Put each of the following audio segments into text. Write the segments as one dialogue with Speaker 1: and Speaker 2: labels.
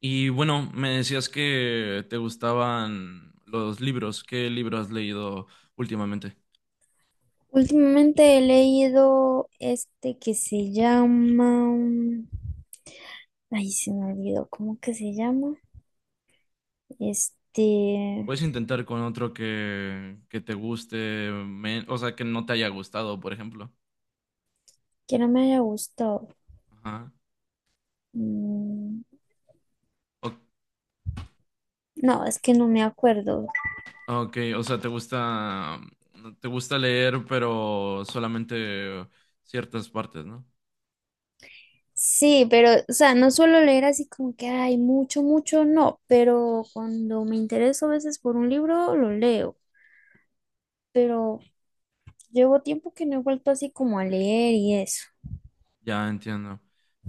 Speaker 1: Y bueno, me decías que te gustaban los libros. ¿Qué libro has leído últimamente?
Speaker 2: Últimamente he leído este que se llama. Ay, se me olvidó, ¿cómo que se llama? Este,
Speaker 1: Puedes intentar con otro que te guste, o sea, que no te haya gustado, por ejemplo.
Speaker 2: que no me haya gustado.
Speaker 1: Ajá.
Speaker 2: Mm,
Speaker 1: O-
Speaker 2: no, es que no me acuerdo.
Speaker 1: ok, o sea, te gusta leer, pero solamente ciertas partes, ¿no?
Speaker 2: Sí, pero, o sea, no suelo leer así como que hay mucho, mucho, no, pero cuando me intereso a veces por un libro, lo leo, pero llevo tiempo que no he vuelto así como a leer y eso.
Speaker 1: Ya entiendo.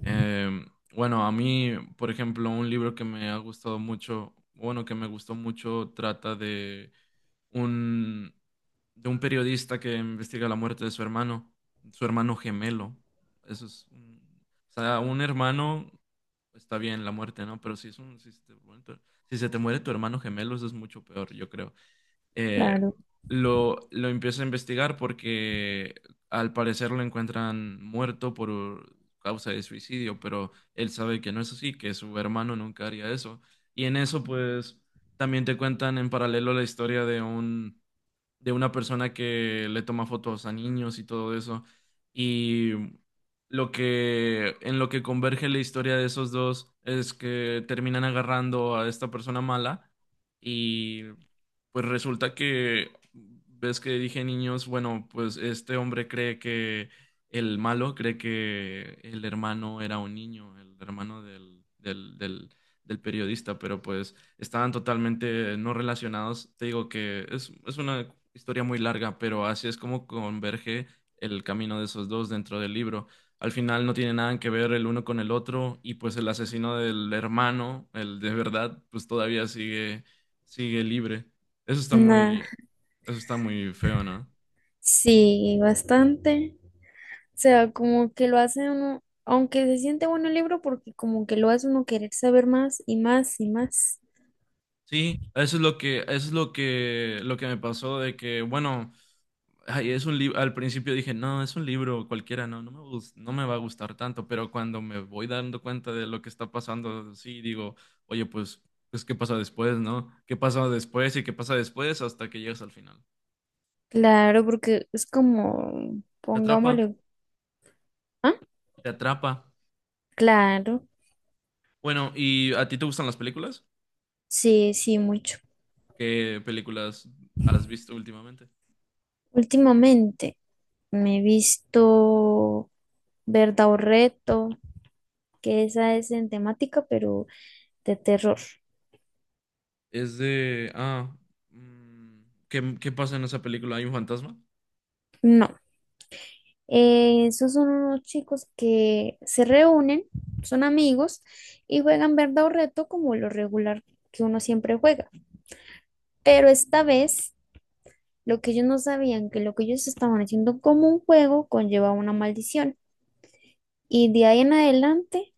Speaker 1: Em, bueno, a mí, por ejemplo, un libro que me ha gustado mucho, bueno, que me gustó mucho, trata un, de un periodista que investiga la muerte de su hermano gemelo. Eso es, un- o sea, un hermano está bien la muerte, ¿no? Pero si se te muere tu si se te muere tu hermano gemelo, eso es mucho peor, yo creo. eh,
Speaker 2: Claro.
Speaker 1: lo empieza a investigar porque al parecer lo encuentran muerto por causa de suicidio, pero él sabe que no es así, que su hermano nunca haría eso. Y en eso, pues, también te cuentan en paralelo la historia de un de una persona que le toma fotos a niños y todo eso. Y lo que, en lo que converge la historia de esos dos es que terminan agarrando a esta persona mala y pues resulta que, ves que dije niños, bueno, pues este hombre cree que el malo cree que el hermano era un niño, el hermano del periodista, pero pues estaban totalmente no relacionados. Te digo es una historia muy larga, pero así es como converge el camino de esos dos dentro del libro. Al final no tiene nada que ver el uno con el otro y pues el asesino del hermano, el de verdad, pues sigue libre. Eso está
Speaker 2: Nah,
Speaker 1: muy, Eso está muy feo, ¿no?
Speaker 2: sí, bastante. O sea, como que lo hace uno, aunque se siente bueno el libro, porque como que lo hace uno querer saber más y más y más.
Speaker 1: Sí, eso es lo que, eso es lo que me pasó de que, bueno, ay, es un libro, al principio dije, no, es un libro cualquiera, no me va a gustar tanto, pero cuando me voy dando cuenta de lo que está pasando, sí, digo, oye, pues, pues, ¿qué pasa después, no? ¿Qué pasa después y qué pasa después hasta que llegas al final?
Speaker 2: Claro, porque es como,
Speaker 1: Te atrapa,
Speaker 2: pongámosle, ah,
Speaker 1: te atrapa.
Speaker 2: claro,
Speaker 1: Bueno, ¿y a ti te gustan las películas?
Speaker 2: sí, sí, mucho.
Speaker 1: ¿Qué películas has visto últimamente?
Speaker 2: Últimamente me he visto Verdad o Reto, que esa es en temática, pero de terror.
Speaker 1: Es de, mm, ¿qué, qué pasa en esa película? ¿Hay un fantasma?
Speaker 2: No. Esos son unos chicos que se reúnen, son amigos y juegan verdad o reto como lo regular que uno siempre juega. Pero esta vez, lo que ellos no sabían, que lo que ellos estaban haciendo como un juego conllevaba una maldición. Y de ahí en adelante,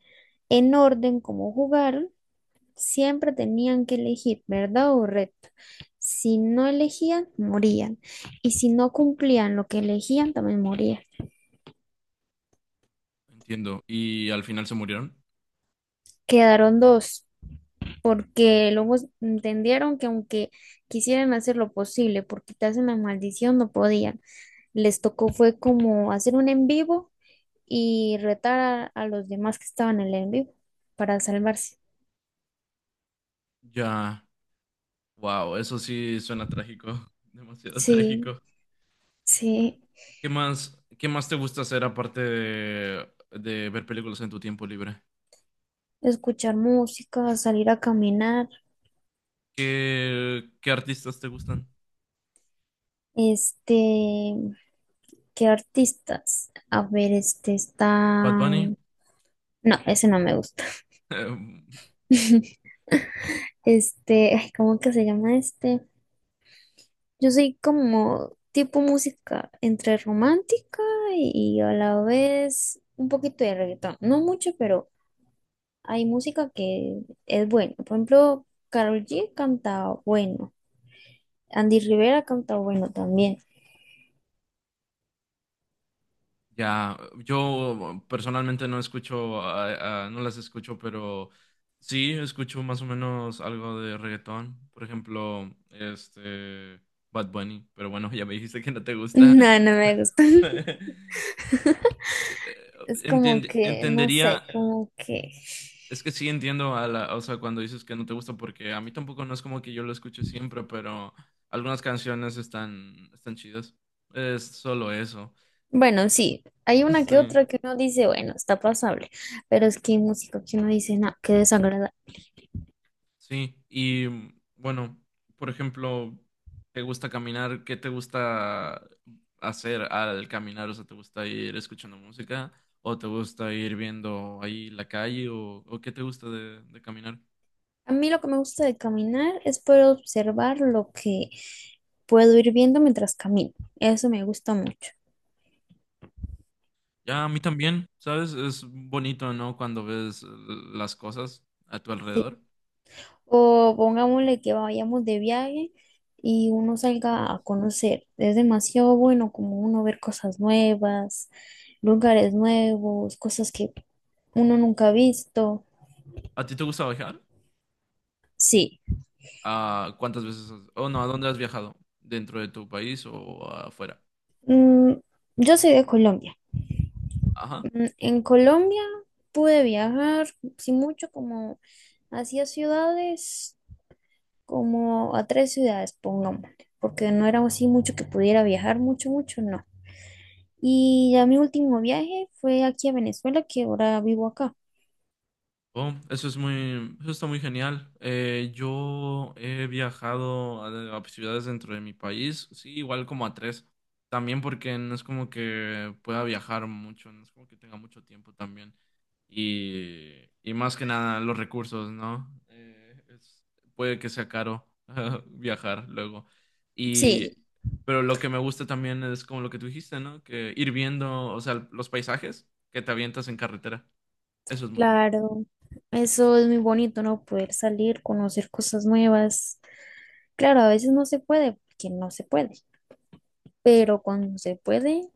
Speaker 2: en orden como jugaron, siempre tenían que elegir verdad o reto. Si no elegían, morían. Y si no cumplían lo que elegían, también morían.
Speaker 1: Entiendo. ¿Y al final se murieron?
Speaker 2: Quedaron dos, porque luego entendieron que aunque quisieran hacer lo posible por quitarse la maldición, no podían. Les tocó fue como hacer un en vivo y retar a los demás que estaban en el en vivo para salvarse.
Speaker 1: Ya. Wow, eso sí suena trágico. Demasiado
Speaker 2: Sí,
Speaker 1: trágico.
Speaker 2: sí,
Speaker 1: ¿Qué más te gusta hacer aparte de ver películas en tu tiempo libre?
Speaker 2: escuchar música, salir a caminar,
Speaker 1: ¿Qué artistas te gustan?
Speaker 2: este, ¿qué artistas? A ver, este
Speaker 1: ¿Bad
Speaker 2: está.
Speaker 1: Bunny?
Speaker 2: No, ese no me gusta. Ay, ¿cómo que se llama este? Yo soy como tipo música entre romántica y a la vez un poquito de reggaetón. No mucho, pero hay música que es buena. Por ejemplo, Karol G canta bueno. Andy Rivera canta bueno también.
Speaker 1: Ya, yo personalmente no escucho, no las escucho, pero sí escucho más o menos algo de reggaetón. Por ejemplo, este Bad Bunny, pero bueno, ya me dijiste que no te gusta.
Speaker 2: No, no me gusta. Es como que, no sé,
Speaker 1: Entendería,
Speaker 2: como que.
Speaker 1: es que sí entiendo a la, o sea, cuando dices que no te gusta, porque a mí tampoco no es como que yo lo escuche siempre, pero algunas canciones están chidas. Es solo eso.
Speaker 2: Bueno, sí, hay una que
Speaker 1: Sí.
Speaker 2: otra que uno dice, bueno, está pasable, pero es que hay música que uno dice, no, qué desagradable.
Speaker 1: Sí, y bueno, por ejemplo, ¿te gusta caminar? ¿Qué te gusta hacer al caminar? O sea, ¿te gusta ir escuchando música? ¿O te gusta ir viendo ahí la calle? ¿O qué te gusta de caminar?
Speaker 2: A mí lo que me gusta de caminar es poder observar lo que puedo ir viendo mientras camino. Eso me gusta mucho.
Speaker 1: Ya, a mí también, ¿sabes? Es bonito, ¿no? Cuando ves las cosas a tu
Speaker 2: Sí.
Speaker 1: alrededor.
Speaker 2: O pongámosle que vayamos de viaje y uno salga a conocer. Es demasiado bueno como uno ver cosas nuevas, lugares nuevos, cosas que uno nunca ha visto.
Speaker 1: ¿A ti te gusta viajar?
Speaker 2: Sí.
Speaker 1: ¿A cuántas veces? Has- O no, ¿a dónde has viajado? ¿Dentro de tu país o afuera?
Speaker 2: Mm, yo soy de Colombia.
Speaker 1: Ajá.
Speaker 2: En Colombia pude viajar, sin mucho, como hacia ciudades, como a tres ciudades, pongámosle, porque no era así mucho que pudiera viajar, mucho, mucho, no. Y ya mi último viaje fue aquí a Venezuela, que ahora vivo acá.
Speaker 1: Oh, eso es muy, eso está muy genial. Yo he viajado a ciudades dentro de mi país, sí, igual como a tres. También porque no es como que pueda viajar mucho, no es como que tenga mucho tiempo también. Y, y más que nada los recursos, ¿no? Puede que sea caro viajar luego. Y,
Speaker 2: Sí,
Speaker 1: pero lo que me gusta también es como lo que tú dijiste, ¿no? Que ir viendo, o sea, los paisajes que te avientas en carretera. Eso es muy bonito.
Speaker 2: claro, eso es muy bonito, ¿no? Poder salir, conocer cosas nuevas. Claro, a veces no se puede, porque no se puede, pero cuando se puede,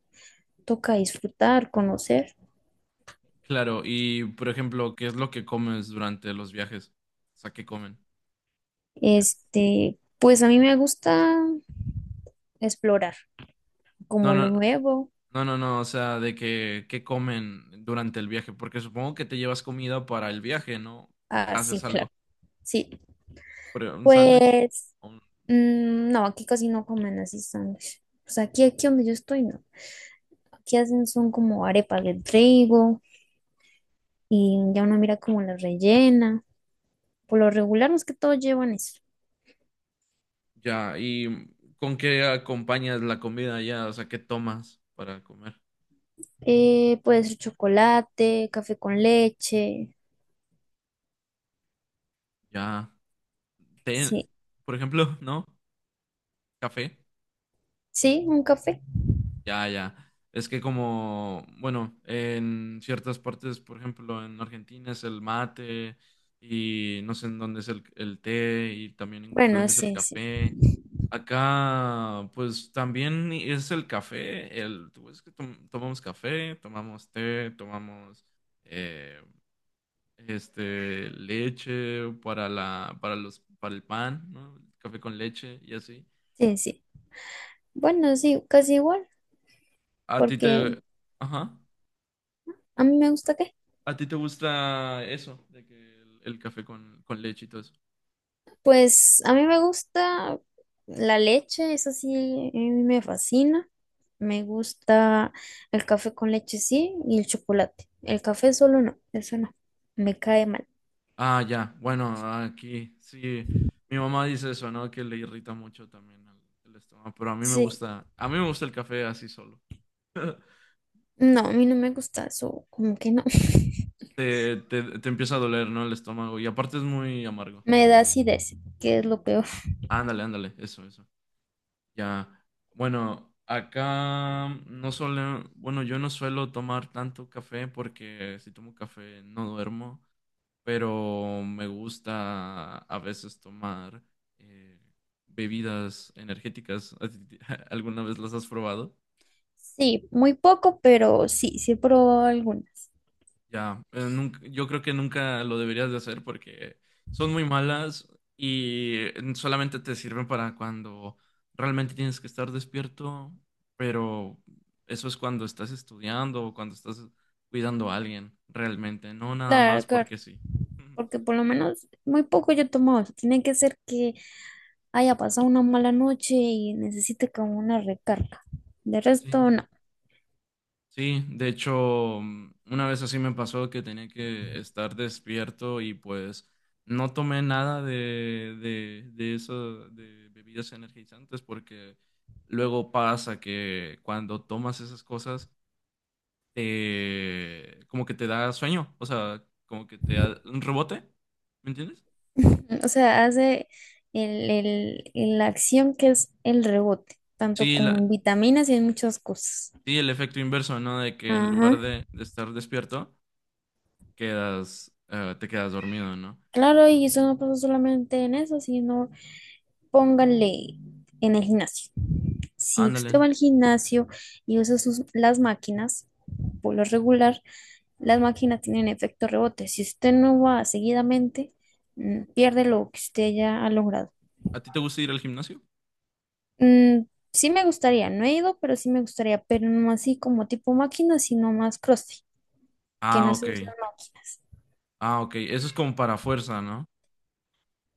Speaker 2: toca disfrutar, conocer.
Speaker 1: Claro, y por ejemplo, ¿qué es lo que comes durante los viajes? O sea, ¿qué comen allá?
Speaker 2: Pues a mí me gusta explorar
Speaker 1: No,
Speaker 2: como lo
Speaker 1: no,
Speaker 2: nuevo.
Speaker 1: no, no, no, o sea, de que, ¿qué comen durante el viaje? Porque supongo que te llevas comida para el viaje, ¿no? Te haces
Speaker 2: Así, claro.
Speaker 1: algo,
Speaker 2: Sí.
Speaker 1: por ejemplo, un sándwich.
Speaker 2: Pues,
Speaker 1: un-
Speaker 2: no, aquí casi no comen así sándwich. Pues aquí, aquí donde yo estoy, no. Aquí hacen son como arepas de trigo y ya uno mira como la rellena. Por lo regular, más que todo llevan eso.
Speaker 1: Ya, ¿y con qué acompañas la comida allá? O sea, ¿qué tomas para comer?
Speaker 2: Puede ser chocolate, café con leche.
Speaker 1: Ya, té,
Speaker 2: Sí,
Speaker 1: por ejemplo, ¿no? Café.
Speaker 2: sí, un café.
Speaker 1: Ya, ya. Es que como, bueno, en ciertas partes, por ejemplo, en Argentina es el mate y no sé en dónde es el té y también en
Speaker 2: Bueno,
Speaker 1: Colombia es el
Speaker 2: sí, sí,
Speaker 1: café. Acá, pues también es el café. El, pues, que tomamos café, tomamos té, tomamos eh, este leche para la, para los, para el pan, ¿no? Café con leche y así.
Speaker 2: sí, sí. Bueno, sí, casi igual,
Speaker 1: A ti
Speaker 2: porque
Speaker 1: te, ajá.
Speaker 2: a mí me gusta que
Speaker 1: ¿A ti te gusta eso? De que el café con leche y todo eso.
Speaker 2: pues a mí me gusta la leche, eso sí, a mí me fascina. Me gusta el café con leche, sí, y el chocolate. El café solo no, eso no, me cae mal.
Speaker 1: Ah, ya. Bueno, aquí sí. Mi mamá dice eso, ¿no? Que le irrita mucho también el estómago. Pero a mí me
Speaker 2: Sí,
Speaker 1: gusta. A mí me gusta el café así solo.
Speaker 2: no, a mí no me gusta eso, como que no.
Speaker 1: Te empieza a doler, ¿no? El estómago. Y aparte es muy amargo.
Speaker 2: Me da acidez, que es lo peor.
Speaker 1: Ándale, ándale. Eso, eso. Ya. Bueno, acá no suele. Bueno, yo no suelo tomar tanto café porque si tomo café no duermo. Pero me gusta a veces tomar eh, bebidas energéticas. ¿A ti- ¿Alguna vez las has probado?
Speaker 2: Sí, muy poco, pero sí, sí he probado algunas.
Speaker 1: Ya, yo creo que nunca lo deberías de hacer porque son muy malas y solamente te sirven para cuando realmente tienes que estar despierto, pero eso es cuando estás estudiando o cuando estás cuidando a alguien realmente, no nada más
Speaker 2: Claro, claro,
Speaker 1: porque sí.
Speaker 2: porque por lo menos muy poco yo he tomado. O sea, tiene que ser que haya pasado una mala noche y necesite como una recarga. De
Speaker 1: Sí.
Speaker 2: resto, no.
Speaker 1: Sí, de hecho, una vez así me pasó que tenía que estar despierto y pues no tomé nada de eso, de bebidas energizantes, porque luego pasa que cuando tomas esas cosas, como que te da sueño, o sea, como que te da un rebote, ¿me entiendes?
Speaker 2: O sea, hace la acción que es el rebote, tanto
Speaker 1: Sí,
Speaker 2: como en
Speaker 1: la,
Speaker 2: vitaminas y en muchas cosas.
Speaker 1: sí, el efecto inverso, ¿no? De que en
Speaker 2: Ajá.
Speaker 1: lugar de estar despierto, te quedas dormido, ¿no?
Speaker 2: Claro, y eso no pasa solamente en eso, sino póngale en el gimnasio. Si
Speaker 1: Ándale.
Speaker 2: usted va al gimnasio y usa sus, las máquinas, por lo regular, las máquinas tienen efecto rebote. Si usted no va seguidamente, pierde lo que usted ya ha logrado.
Speaker 1: ¿A ti te gusta ir al gimnasio?
Speaker 2: Mm, sí me gustaría, no he ido, pero sí me gustaría, pero no así como tipo máquina, sino más CrossFit, que
Speaker 1: Ah,
Speaker 2: no se
Speaker 1: ok.
Speaker 2: usan máquinas.
Speaker 1: Ah, ok. Eso es como para fuerza, ¿no?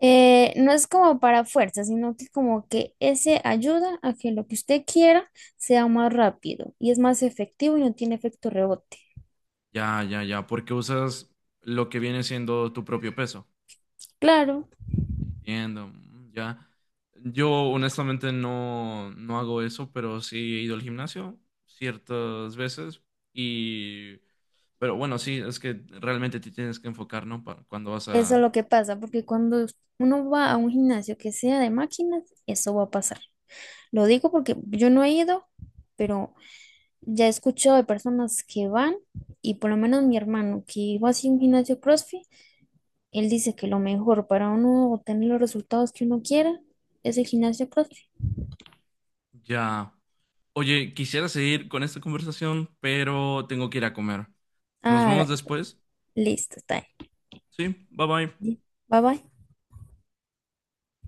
Speaker 2: No es como para fuerza, sino que como que ese ayuda a que lo que usted quiera sea más rápido y es más efectivo y no tiene efecto rebote.
Speaker 1: Ya, ya, ya. Porque usas lo que viene siendo tu propio peso.
Speaker 2: Claro,
Speaker 1: Entiendo. Ya. Yo honestamente no hago eso, pero sí he ido al gimnasio ciertas veces y... Pero bueno, sí, es que realmente te tienes que enfocar, ¿no? Para cuando vas
Speaker 2: eso es
Speaker 1: a...
Speaker 2: lo que pasa, porque cuando uno va a un gimnasio que sea de máquinas, eso va a pasar. Lo digo porque yo no he ido, pero ya he escuchado de personas que van y por lo menos mi hermano que iba así a un gimnasio CrossFit, él dice que lo mejor para uno obtener los resultados que uno quiera es el gimnasio CrossFit.
Speaker 1: Ya. Oye, quisiera seguir con esta conversación, pero tengo que ir a comer. Nos
Speaker 2: Ah,
Speaker 1: vemos
Speaker 2: dale, pues,
Speaker 1: después.
Speaker 2: listo, está
Speaker 1: Sí, bye bye.
Speaker 2: bien. Bye bye.